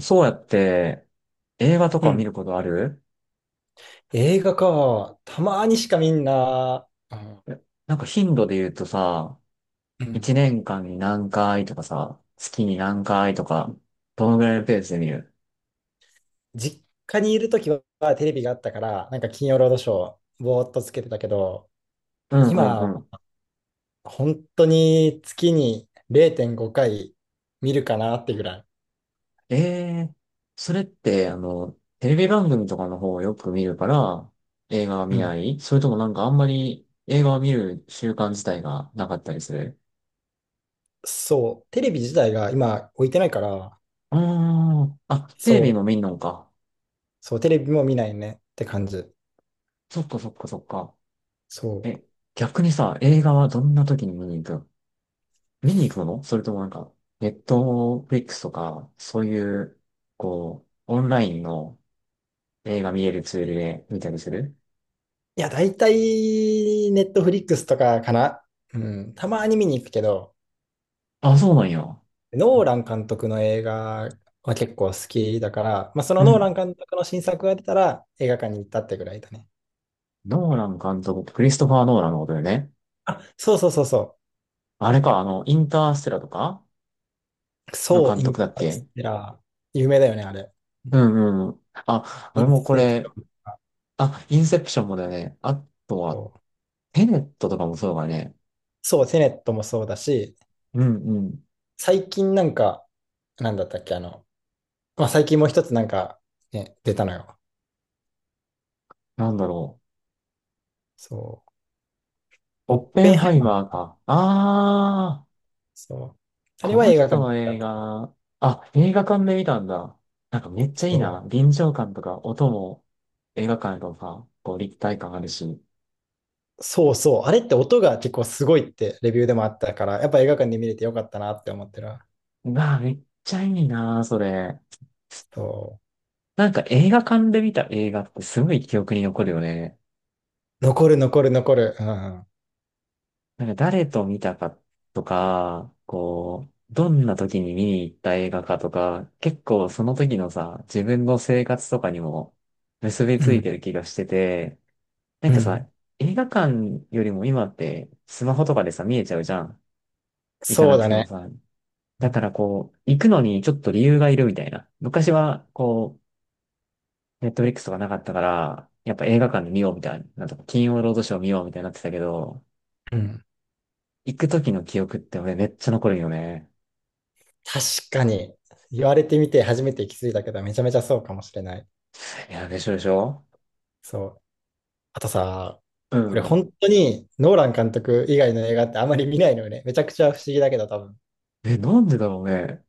そうやって映画とうか見ん。ることある？映画か。たまにしかみんな、あ、なんか頻度で言うとさ、うん。一年間に何回とかさ、月に何回とか、どのぐらいのペースで見る？実家にいるときはテレビがあったから、なんか金曜ロードショー、ぼーっとつけてたけど、うんう今、んうん。本当に月に0.5回見るかなってぐらい。ええ、それって、テレビ番組とかの方をよく見るから、映画はう見なん。い？それともなんかあんまり映画を見る習慣自体がなかったりする？そう、テレビ自体が今置いてないから、うーん。あ、テレそビもう、見んのか。そう、テレビも見ないねって感じ。そっかそっかそっか。そう。え、逆にさ、映画はどんな時に見に行く？見に行くもの？それともなんか、ネットフリックスとか、そういう、こう、オンラインの映画見れるツールで見たりする？いや、だいたいネットフリックスとかかな。うん、たまに見に行くけど、あ、そうなんや。ノーラン監督の映画は結構好きだから、まあ、そうのノーラん。ン監督の新作が出たら映画館に行ったってぐらいだね。ノーラン監督、クリストファー・ノーランのことだよね。あ、そうそうそうそあれか、インターステラとかう。のそう、監イ督ンだっタースけ？テラー。有名だよね、あれ。ううん。んうん。あ、イ俺ンもこセプシれ。ョンとか。あ、インセプションもだよね。あとは、そう、テネットとかもそうだね。そうテネットもそうだし、うんうん。最近なんか、なんだったっけ、まあ、最近もう一つなんか、ね、出たのよ。なんだろそう。う。オオッッペペンンハハイイママー。ーか。ああ。そう。あれこはの映画人館にの行った映と。画。あ、映画館で見たんだ。なんかめっちゃいそいな。う。臨場感とか音も映画館とか、こう立体感あるし。そうそう。あれって音が結構すごいってレビューでもあったから、やっぱ映画館で見れてよかったなって思ってるわ。うわあ、めっちゃいいな、それ。そなんか映画館で見た映画ってすごい記憶に残るよね。う。残る残る残る。うん。なんか誰と見たかとか、こう、どんな時に見に行った映画かとか、結構その時のさ、自分の生活とかにも結びうついてん。る気がしてて、なんうかさ、ん。映画館よりも今ってスマホとかでさ、見えちゃうじゃん。行かそなうくだてもね。さ。うだからんこう、行くのにちょっと理由がいるみたいな。昔はこう、ネットフリックスとかなかったから、やっぱ映画館で見ようみたいな。なんとか金曜ロードショー見ようみたいになってたけど、うん。行く時の記憶って俺めっちゃ残るよね。確かに。言われてみて初めて気づいたけど、めちゃめちゃそうかもしれない。いや、でしょでしょ？そう。あとさ、う俺ん。本当にノーラン監督以外の映画ってあんまり見ないのよね。めちゃくちゃ不思議だけど多分。え、なんでだろうね。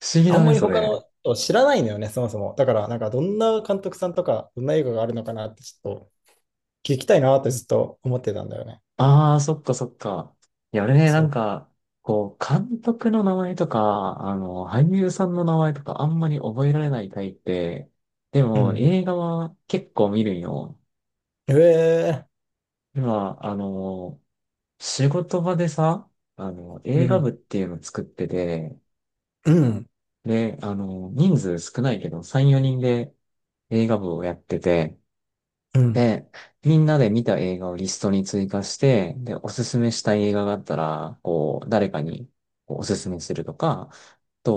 不思議あだんまね、りそ他れ。の人知らないのよね、そもそも。だからなんかどんな監督さんとか、どんな映画があるのかなってちょっと聞きたいなってずっと思ってたんだよね。ああ、そっかそっか。いや、俺ね、なそんう。か、こう、監督の名前とか、俳優さんの名前とかあんまり覚えられないタイプで、でうもん。映画は結構見るんよ。ええ。今、仕事場でさ、う映画部ん、っていうの作ってて、うん、で、人数少ないけど、3、4人で映画部をやってて、うん、で、みんなで見た映画をリストに追加して、で、おすすめしたい映画があったら、こう、誰かにこうおすすめするとか、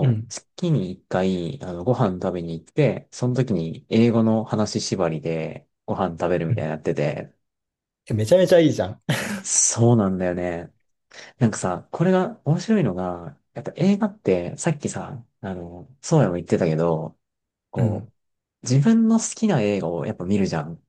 うん。月に一回、ご飯食べに行って、その時に英語の話縛りでご飯食べるうみたいんになってて、えめちゃめちゃいいじゃん。うん、そうなんだよね。なんか さ、これが面白いのが、やっぱ映画って、さっきさ、そうやも言ってたけど、うこん。う、自分の好きな映画をやっぱ見るじゃん。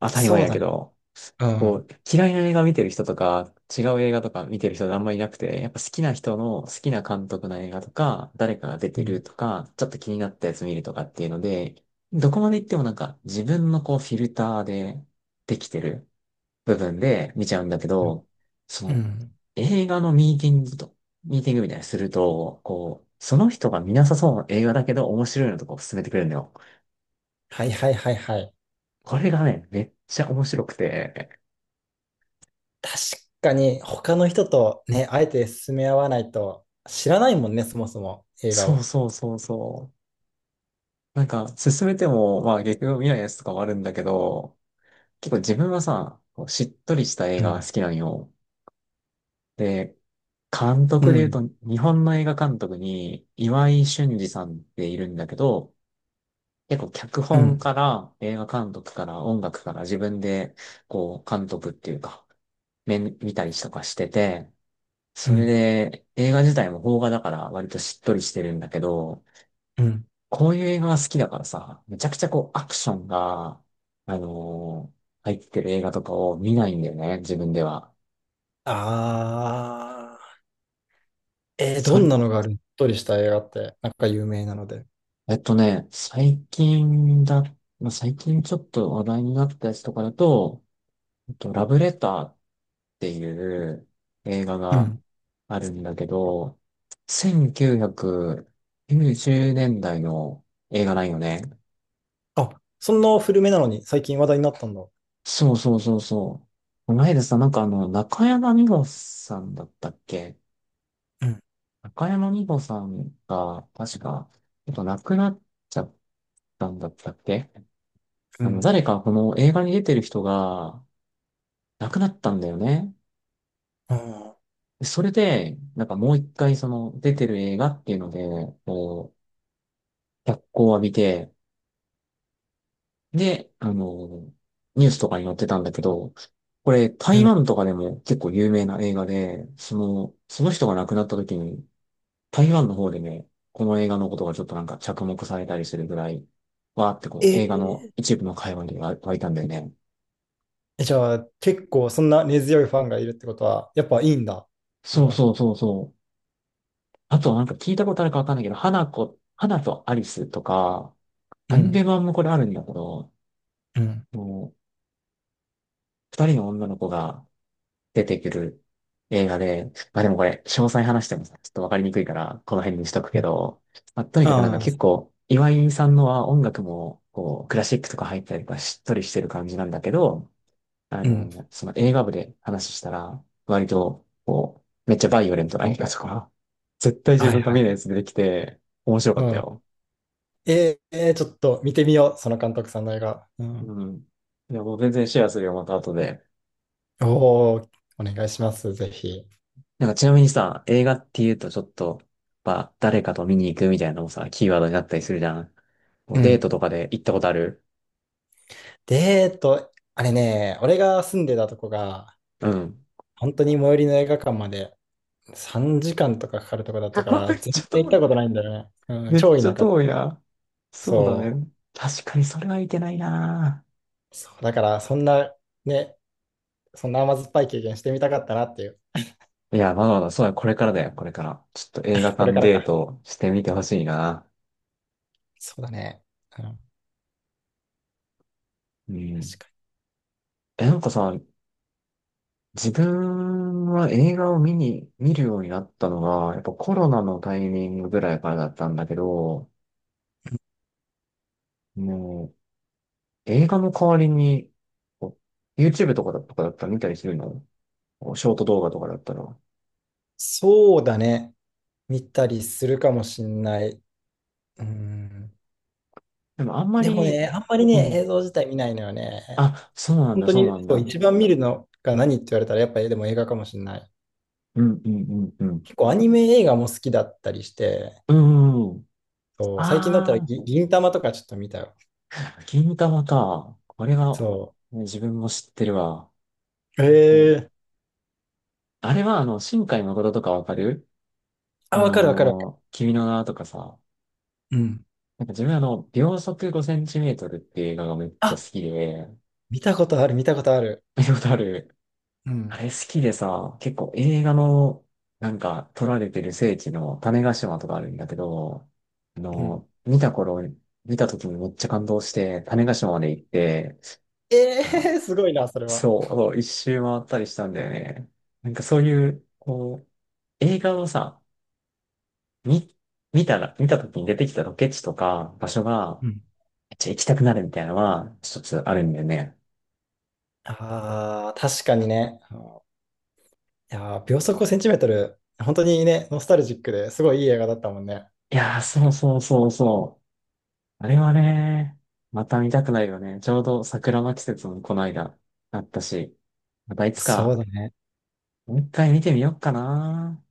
当たり前そうやだけね。ど。うこん。う、嫌いな映画見てる人とか、違う映画とか見てる人があんまりいなくて、やっぱ好きな人の好きな監督の映画とか、誰かが出うてるん。とか、ちょっと気になったやつ見るとかっていうので、どこまで行ってもなんか自分のこうフィルターでできてる部分で見ちゃうんだけど、そうのん。映画のミーティングみたいにすると、こう、その人が見なさそうな映画だけど面白いのとかを勧めてくれるのよ。はいはいはいはい。これがね、めっちゃ面白くて、確かに他の人とね、あえて進め合わないと知らないもんね、そもそも映画そうを。そうそうそう。なんか、進めても、まあ結局見ないやつとかもあるんだけど、結構自分はさ、こうしっとりした映う画がん。好きなんよ。で、監う督で言ん。うと、日本の映画監督に岩井俊二さんっているんだけど、結構脚う本ん。から映画監督から音楽から自分で、こう、監督っていうか、面見たりとかしてて、うそれん。で映画自体も邦画だから割としっとりしてるんだけど、うん。こういう映画が好きだからさ、めちゃくちゃこうアクションが、あのー入ってる映画とかを見ないんだよね、自分では。ああ。どそんれ、なのがあるしっとりした映画って、なんか有名なので。最近だ、まあ、最近ちょっと話題になったやつとかだと、ラブレターっていう映画うがん。あるんだけど、1990年代の映画なんよね。あ、そんな古めなのに最近話題になったんだ。そうそうそうそう。この間さ、なんか中山美穂さんだったっけ？うん、中山美穂さんが、確か、ちょっと亡くなっちゃったんだったっけ？うん、誰かこの映画に出てる人が亡くなったんだよね。あん、でそれで、なんかもう一回その出てる映画っていうので、こう、脚光を浴びて、で、ニュースとかに載ってたんだけど、これう台ん。湾とかでも結構有名な映画で、その人が亡くなった時に台湾の方でね、この映画のことがちょっとなんか着目されたりするぐらい、わーってえこう映画のー一部の会話に湧いたんだよね。えじゃあ、結構そんな根強いファンがいるってことは、やっぱいいんだ、映そう画。そうそうそう。あとなんか聞いたことあるかわかんないけど、花とアリスとか、うアニん、メ版もこれあるんだけど、うん、もう二人の女の子が出てくる映画で、まあでもこれ詳細話してもさ、ちょっとわかりにくいから、この辺にしとくうけど、まあ、とにかくなんん。かあ結あ、構、岩井さんのは音楽もこうクラシックとか入ったりとかしっとりしてる感じなんだけど、うん。その映画部で話したら、割と、こう、めっちゃバイオレントな映画とか、絶対自はい分がは見い。ないやつ出てきて、面白かうったん。よ。ちょっと見てみよう、その監督さんの映画。うん。うん。いや、もう全然シェアするよ、また後で。おお、お願いします、ぜひ。なんかちなみにさ、映画って言うとちょっと、まあ、誰かと見に行くみたいなのもさ、キーワードになったりするじゃん。もううデーん。トとかで行ったことある？で、あれね、俺が住んでたとこが、うん。本当に最寄りの映画館まで3時間とかかかるとこだっ めたから、っ全ちゃ然行遠ったい。ことないんだよね。うん、めっ超ちゃ田舎。遠いな。そうだそね。確かにそれはいけないな。う。そう、だから、そんな、ね、そんな甘酸っぱい経験してみたかったなっていう。いや、まだまだ、そうだ、これからだよ、これから。ちょっと映画これ館からデーか。トしてみてほしいな。そうだね。うん、確うかん。に。え、なんかさ、自分は映画を見るようになったのが、やっぱコロナのタイミングぐらいからだったんだけど、もう、映画の代わりに、こう YouTube とかだったら見たりするの？こうショート動画とかだったら。そうだね。見たりするかもしんない。うん。でもあんまでもり、ね、あんまりうね、ん。映像自体見ないのよね。あ、そうなん本だ、当そうなに、んそう、だ。一番見るのが何って言われたら、やっぱりでも映画かもしんない。うん、うん、うん、うん。結構アニメ映画も好きだったりして、うん、うんうん。そう、最近だったらああ。銀魂とかちょっと見たよ。銀玉か。これが、そう。ね自分も知ってるわ。銀魂。ええ。あれは、新海誠とかわかる？あ、わかるわかるわかる。君の名はとかさ。うん、なんか自分秒速5センチメートルっていう映画がめっちゃ好あ、きで、見たことある、見たことある。見たことある。うあん、れ好きでさ、結構映画の、なんか撮られてる聖地の種子島とかあるんだけど、あうん。の、見た頃、見た時にめっちゃ感動して、種子島まで行って、えあ、え。 すごいな、それは。そう、そう一周回ったりしたんだよね。なんかそういう、こう、映画をさ、見、見た時に出てきたロケ地とか場所が、うん。めっちゃ行きたくなるみたいなのは、一つあるんだよね。ああ、確かにね。いやー、秒速ごセンチメートル、本当にね、ノスタルジックですごいいい映画だったもんね。いやー、確そかうにそうそうそう。あれはね、また見たくなるよね。ちょうど桜の季節もこの間、あったし、またいつそうか、だね。もう一回見てみようかな。